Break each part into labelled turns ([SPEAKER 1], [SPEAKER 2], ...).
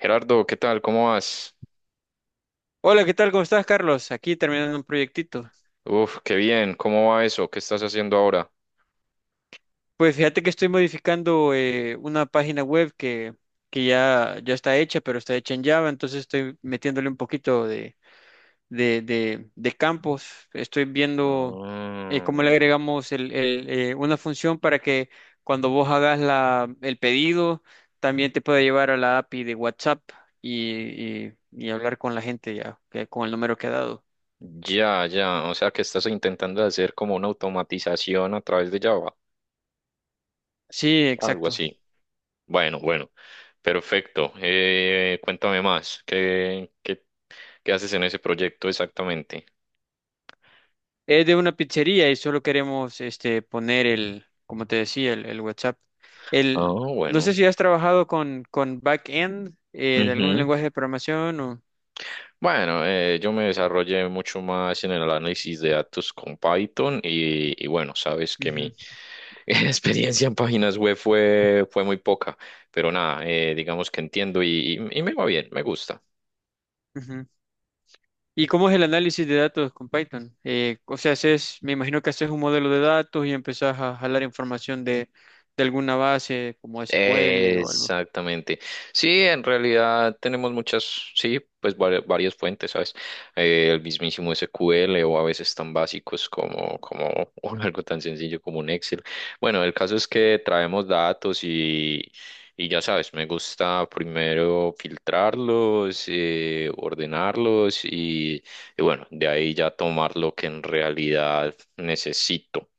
[SPEAKER 1] Gerardo, ¿qué tal? ¿Cómo vas?
[SPEAKER 2] Hola, ¿qué tal? ¿Cómo estás, Carlos? Aquí terminando un proyectito.
[SPEAKER 1] Uf, qué bien. ¿Cómo va eso? ¿Qué estás haciendo ahora?
[SPEAKER 2] Pues fíjate que estoy modificando una página web que ya está hecha, pero está hecha en Java, entonces estoy metiéndole un poquito de campos. Estoy viendo cómo le
[SPEAKER 1] Mm,
[SPEAKER 2] agregamos el- el, eh, una función para que cuando vos hagas el pedido, también te pueda llevar a la API de WhatsApp y hablar con la gente ya, con el número que ha dado.
[SPEAKER 1] ya, ya. O sea, que estás intentando hacer como una automatización a través de Java,
[SPEAKER 2] Sí,
[SPEAKER 1] algo
[SPEAKER 2] exacto.
[SPEAKER 1] así. Bueno, bueno. Perfecto. Cuéntame más. ¿Qué haces en ese proyecto exactamente?
[SPEAKER 2] Es de una pizzería y solo queremos este poner como te decía, el WhatsApp.
[SPEAKER 1] Ah,
[SPEAKER 2] El, no sé
[SPEAKER 1] bueno.
[SPEAKER 2] si has trabajado con backend de algún lenguaje de programación o.
[SPEAKER 1] Bueno, yo me desarrollé mucho más en el análisis de datos con Python y bueno, sabes que
[SPEAKER 2] Ujú,
[SPEAKER 1] mi experiencia en páginas web fue muy poca, pero nada, digamos que entiendo y me va bien, me gusta.
[SPEAKER 2] ujú. ¿Y cómo es el análisis de datos con Python? O sea, me imagino que haces un modelo de datos y empezás a jalar información de alguna base como SQL o algo.
[SPEAKER 1] Exactamente. Sí, en realidad tenemos sí, pues varias fuentes, ¿sabes? El mismísimo SQL o a veces tan básicos como, como o algo tan sencillo como un Excel. Bueno, el caso es que traemos datos y ya sabes, me gusta primero filtrarlos, ordenarlos y bueno, de ahí ya tomar lo que en realidad necesito.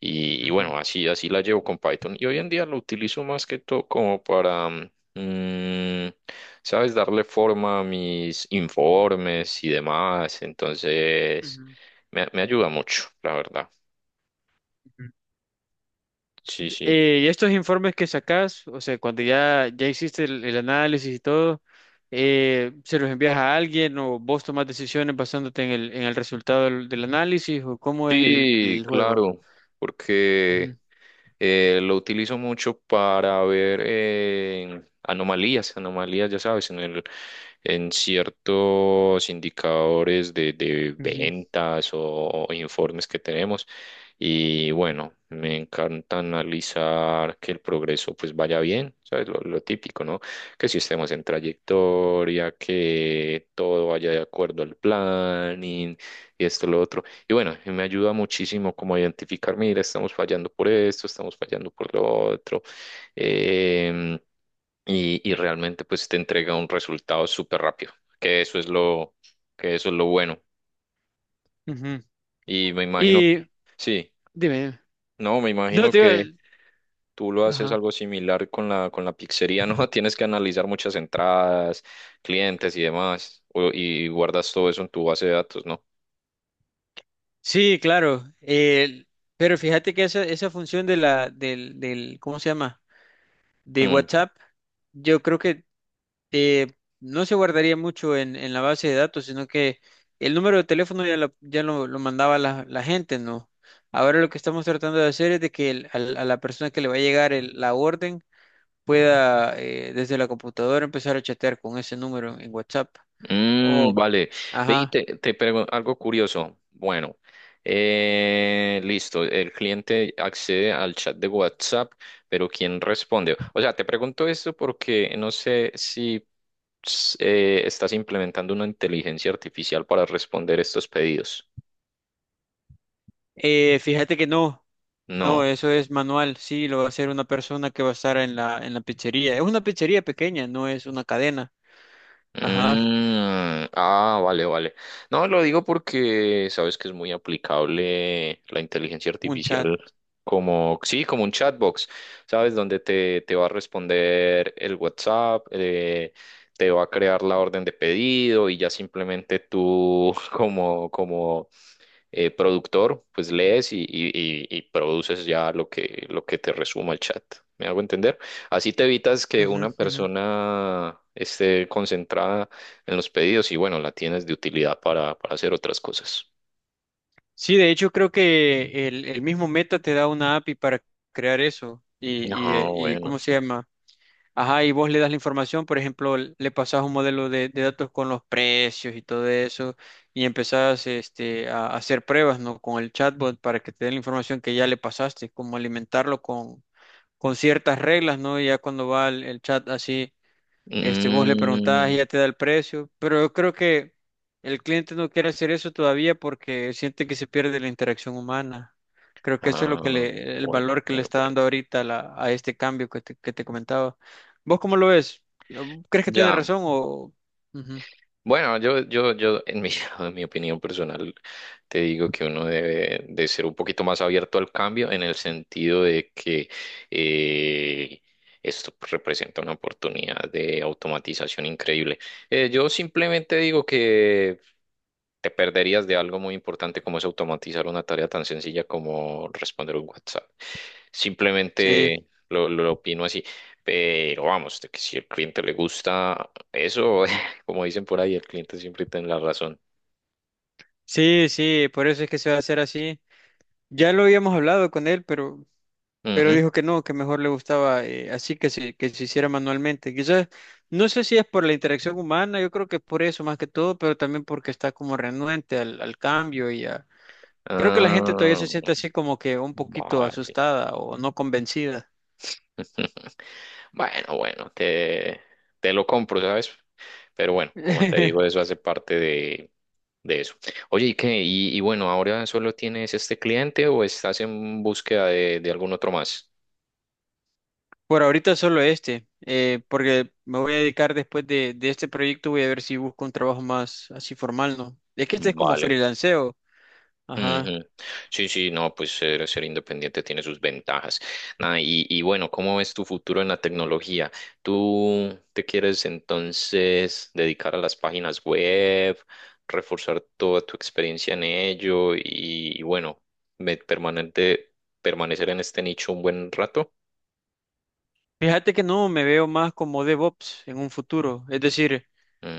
[SPEAKER 1] Y
[SPEAKER 2] Ujú,
[SPEAKER 1] bueno, así la llevo con Python. Y hoy en día lo utilizo más que todo como para, mm, ¿sabes? Darle forma a mis informes y demás. Entonces,
[SPEAKER 2] ujú,
[SPEAKER 1] me ayuda mucho, la verdad.
[SPEAKER 2] ujú.
[SPEAKER 1] Sí, sí.
[SPEAKER 2] Y estos informes que sacas, o sea, cuando ya hiciste el análisis y todo, ¿se los envías a alguien o vos tomás decisiones basándote en en el resultado del análisis o cómo es
[SPEAKER 1] Sí,
[SPEAKER 2] el juego?
[SPEAKER 1] claro, porque
[SPEAKER 2] Ujú,
[SPEAKER 1] Lo utilizo mucho para ver anomalías, ya sabes, en ciertos indicadores de
[SPEAKER 2] ujú,
[SPEAKER 1] ventas o informes que tenemos. Y bueno, me encanta analizar que el progreso pues vaya bien, ¿sabes? Lo típico, ¿no? Que si estemos en trayectoria, que todo vaya de acuerdo al planning y esto, lo otro. Y bueno, y me ayuda muchísimo como a identificar, mira, estamos fallando por esto, estamos fallando por lo otro. em, y realmente pues te entrega un resultado súper rápido, que eso es lo bueno.
[SPEAKER 2] ujú.
[SPEAKER 1] Y me imagino,
[SPEAKER 2] Y
[SPEAKER 1] sí,
[SPEAKER 2] dime,
[SPEAKER 1] no, me
[SPEAKER 2] no
[SPEAKER 1] imagino
[SPEAKER 2] te iba-
[SPEAKER 1] que tú lo haces
[SPEAKER 2] Ajá.
[SPEAKER 1] algo similar con con la pizzería, ¿no? Tienes que analizar muchas entradas, clientes y demás, y guardas todo eso en tu base de datos, ¿no?
[SPEAKER 2] Sí, claro. Pero fíjate que esa función de la, ¿cómo se llama? De
[SPEAKER 1] Mm.
[SPEAKER 2] WhatsApp, yo creo que eh, no se guardaría mucho en la base de datos, sino que el número de teléfono ya, ya lo mandaba la gente, ¿no? Ahora lo que estamos tratando de hacer es de que a la persona que le va a llegar la orden pueda desde la computadora empezar a chatear con ese número en WhatsApp.
[SPEAKER 1] Mm,
[SPEAKER 2] O,
[SPEAKER 1] vale. Ve y
[SPEAKER 2] ajá,
[SPEAKER 1] te pregunto algo curioso. Bueno, listo. El cliente accede al chat de WhatsApp, pero ¿quién responde? O sea, te pregunto esto porque no sé si estás implementando una inteligencia artificial para responder estos pedidos.
[SPEAKER 2] fíjate que no. No,
[SPEAKER 1] No.
[SPEAKER 2] eso es manual, sí, lo va a hacer una persona que va a estar en la pizzería. Es una pizzería pequeña, no es una cadena. Ajá,
[SPEAKER 1] Mm, ah, vale, vale. No, lo digo porque sabes que es muy aplicable la inteligencia
[SPEAKER 2] un chat.
[SPEAKER 1] artificial como, sí, como un chatbox, ¿sabes? Donde te va a responder el WhatsApp, te va a crear la orden de pedido y ya simplemente tú como, como productor, pues lees y produces ya lo que te resuma el chat. ¿Me hago entender? Así te evitas que
[SPEAKER 2] Ujú,
[SPEAKER 1] una
[SPEAKER 2] ujú.
[SPEAKER 1] persona esté concentrada en los pedidos y bueno, la tienes de utilidad para hacer otras cosas.
[SPEAKER 2] Sí, de hecho creo que el mismo Meta te da una API para crear eso y, y,
[SPEAKER 1] Ah,
[SPEAKER 2] eh, y ¿cómo
[SPEAKER 1] bueno.
[SPEAKER 2] se llama? Ajá, y vos le das la información, por ejemplo, le pasás un modelo de datos con los precios y todo eso y empezás este, a hacer pruebas, ¿no? Con el chatbot para que te dé la información que ya le pasaste, como alimentarlo con ciertas reglas, ¿no? Y ya cuando va el chat así este, vos le preguntás y
[SPEAKER 1] Mm,
[SPEAKER 2] ya te da el precio, pero yo creo que el cliente no quiere hacer eso todavía porque siente que se pierde la interacción humana. Creo que eso es lo que
[SPEAKER 1] ah,
[SPEAKER 2] le, el
[SPEAKER 1] bueno,
[SPEAKER 2] valor que le
[SPEAKER 1] bueno,
[SPEAKER 2] está
[SPEAKER 1] bueno.
[SPEAKER 2] dando ahorita a a este cambio que te comentaba. ¿Vos cómo lo ves? ¿Crees que tiene
[SPEAKER 1] Ya.
[SPEAKER 2] razón o...? Ujú.
[SPEAKER 1] Bueno, yo, en mi, en mi opinión personal, te digo que uno debe de ser un poquito más abierto al cambio en el sentido de que eh, esto representa una oportunidad de automatización increíble. Yo simplemente digo que te perderías de algo muy importante como es automatizar una tarea tan sencilla como responder un WhatsApp.
[SPEAKER 2] Sí,
[SPEAKER 1] Simplemente lo opino así. Pero vamos, de que si al cliente le gusta eso, como dicen por ahí, el cliente siempre tiene la razón.
[SPEAKER 2] sí, sí, por eso es que se va a hacer así. Ya lo habíamos hablado con él, pero
[SPEAKER 1] Ujú.
[SPEAKER 2] dijo que no, que mejor le gustaba así que se hiciera manualmente. Quizás, no sé si es por la interacción humana, yo creo que es por eso más que todo, pero también porque está como renuente al, al cambio y a... Creo que la gente todavía
[SPEAKER 1] Ah,
[SPEAKER 2] se siente así como que un poquito
[SPEAKER 1] vale.
[SPEAKER 2] asustada o no convencida.
[SPEAKER 1] Bueno, te lo compro, ¿sabes? Pero bueno, como te digo, eso hace parte de eso. Oye, ¿y qué? Y bueno, ¿ahora solo tienes este cliente o estás en búsqueda de algún otro más?
[SPEAKER 2] Por ahorita solo este, porque me voy a dedicar después de este proyecto, voy a ver si busco un trabajo más así formal, ¿no? Es que este es como
[SPEAKER 1] Vale.
[SPEAKER 2] freelanceo. Ajá.
[SPEAKER 1] Ujú. Sí, sí, no, pues ser independiente tiene sus ventajas. Nada, y bueno, ¿cómo ves tu futuro en la tecnología? ¿Tú te quieres entonces dedicar a las páginas web, reforzar toda tu experiencia en ello y bueno, me- permanente, permanecer en este nicho un buen rato?
[SPEAKER 2] Fíjate que no, me veo más como DevOps en un futuro, es decir,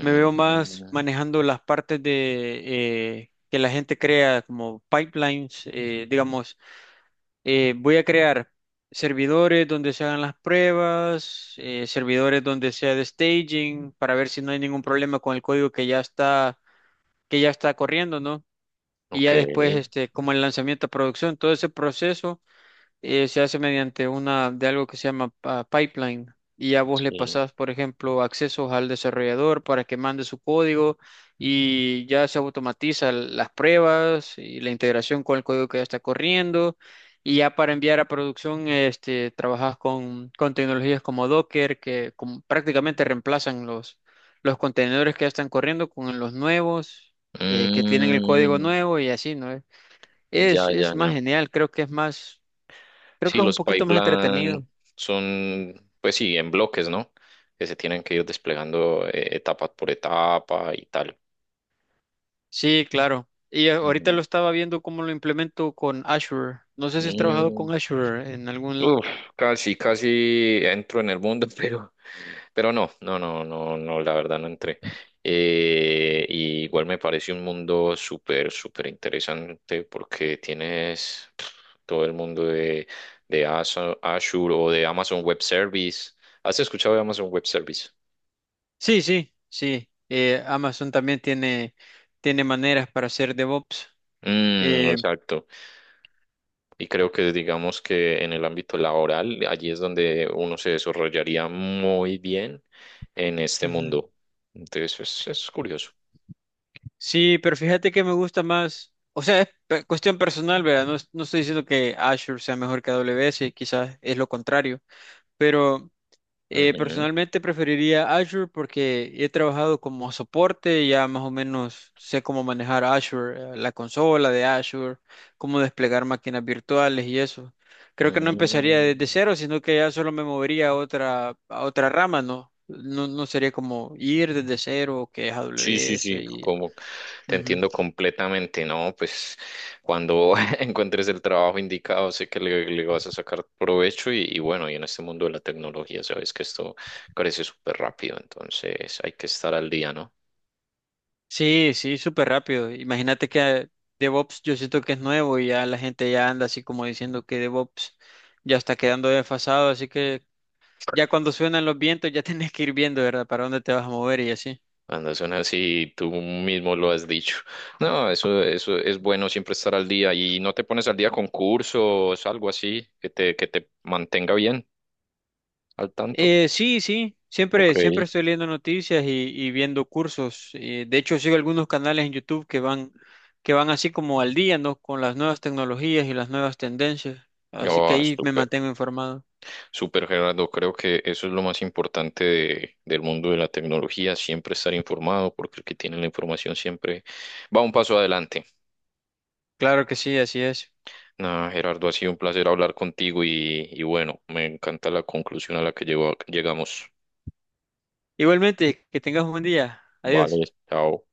[SPEAKER 2] me veo más manejando las partes de que la gente crea como pipelines, digamos, voy a crear servidores donde se hagan las pruebas, servidores donde sea de staging para ver si no hay ningún problema con el código que ya está corriendo, ¿no? Y
[SPEAKER 1] ok,
[SPEAKER 2] ya después este como el lanzamiento a producción, todo ese proceso se hace mediante una de algo que se llama pipeline y a vos le
[SPEAKER 1] sí.
[SPEAKER 2] pasás, por ejemplo, accesos al desarrollador para que mande su código y ya se automatiza las pruebas y la integración con el código que ya está corriendo y ya para enviar a producción este trabajas con tecnologías como Docker que como prácticamente reemplazan los contenedores que ya están corriendo con los nuevos que tienen el código
[SPEAKER 1] Mm,
[SPEAKER 2] nuevo y así, ¿no?
[SPEAKER 1] ya,
[SPEAKER 2] Es
[SPEAKER 1] ya,
[SPEAKER 2] más
[SPEAKER 1] ya.
[SPEAKER 2] genial, creo que es más. Creo
[SPEAKER 1] Sí,
[SPEAKER 2] que es un
[SPEAKER 1] los
[SPEAKER 2] poquito más
[SPEAKER 1] pipeline
[SPEAKER 2] entretenido.
[SPEAKER 1] son, pues sí, en bloques, ¿no? Que se tienen que ir desplegando etapa por etapa y tal.
[SPEAKER 2] Sí, claro. Y ahorita lo
[SPEAKER 1] Mm,
[SPEAKER 2] estaba viendo cómo lo implemento con Azure. No sé si has trabajado
[SPEAKER 1] mm,
[SPEAKER 2] con Azure en algún...
[SPEAKER 1] uf, casi, casi entro en el mundo, pero no, no, no, no, no, la verdad no entré. Y igual me parece un mundo súper, súper interesante porque tienes todo el mundo de Azure o de Amazon Web Service. ¿Has escuchado de Amazon Web Service?
[SPEAKER 2] Sí, sí, sí. Amazon también tiene, tiene maneras para hacer DevOps.
[SPEAKER 1] Mm,
[SPEAKER 2] Eh,
[SPEAKER 1] exacto. Y creo que digamos que en el ámbito laboral, allí es donde uno se desarrollaría muy bien en este
[SPEAKER 2] ujú.
[SPEAKER 1] mundo. Entonces es curioso.
[SPEAKER 2] Sí, pero fíjate que me gusta más. O sea, es cuestión personal, ¿verdad? No, es- no estoy diciendo que Azure sea mejor que AWS, quizás es lo contrario. Pero
[SPEAKER 1] Ujú.
[SPEAKER 2] personalmente preferiría Azure porque he trabajado como soporte, ya más o menos sé cómo manejar Azure, la consola de Azure, cómo desplegar máquinas virtuales y eso. Creo que no empezaría desde
[SPEAKER 1] Mm.
[SPEAKER 2] cero, sino que ya solo me movería a otra rama, ¿no? No, no sería como ir desde cero, que es
[SPEAKER 1] Sí, sí,
[SPEAKER 2] AWS
[SPEAKER 1] sí,
[SPEAKER 2] y...
[SPEAKER 1] como te
[SPEAKER 2] Ujú.
[SPEAKER 1] entiendo completamente, ¿no? Pues cuando encuentres el trabajo indicado, sé que le vas a sacar provecho y bueno, y en este mundo de la tecnología, sabes que esto crece súper rápido, entonces hay que estar al día, ¿no?
[SPEAKER 2] Sí, sí, súper rápido. Imagínate que DevOps yo siento que es nuevo y ya la gente ya anda así como diciendo que DevOps ya está quedando desfasado, así que ya cuando suenan los vientos ya tenés que ir viendo, ¿verdad? Para dónde te vas a mover y así.
[SPEAKER 1] Cuando son así, tú mismo lo has dicho. No, eso es bueno siempre estar al día y no te pones al día con cursos, algo así, que te mantenga bien al tanto.
[SPEAKER 2] Sí, sí,
[SPEAKER 1] Ok.
[SPEAKER 2] siempre, siempre estoy leyendo noticias y viendo cursos. De hecho, sigo algunos canales en YouTube que van así como al día, ¿no? Con las nuevas tecnologías y las nuevas tendencias. Así que
[SPEAKER 1] Oh,
[SPEAKER 2] ahí me
[SPEAKER 1] súper,
[SPEAKER 2] mantengo informado.
[SPEAKER 1] súper Gerardo. Creo que eso es lo más importante del mundo de la tecnología, siempre estar informado, porque el que tiene la información siempre va un paso adelante.
[SPEAKER 2] Claro que sí, así es.
[SPEAKER 1] Nada, Gerardo, ha sido un placer hablar contigo y bueno, me encanta la conclusión a la que llegamos.
[SPEAKER 2] Igualmente, que tengas un buen día. Adiós.
[SPEAKER 1] Vale, chao.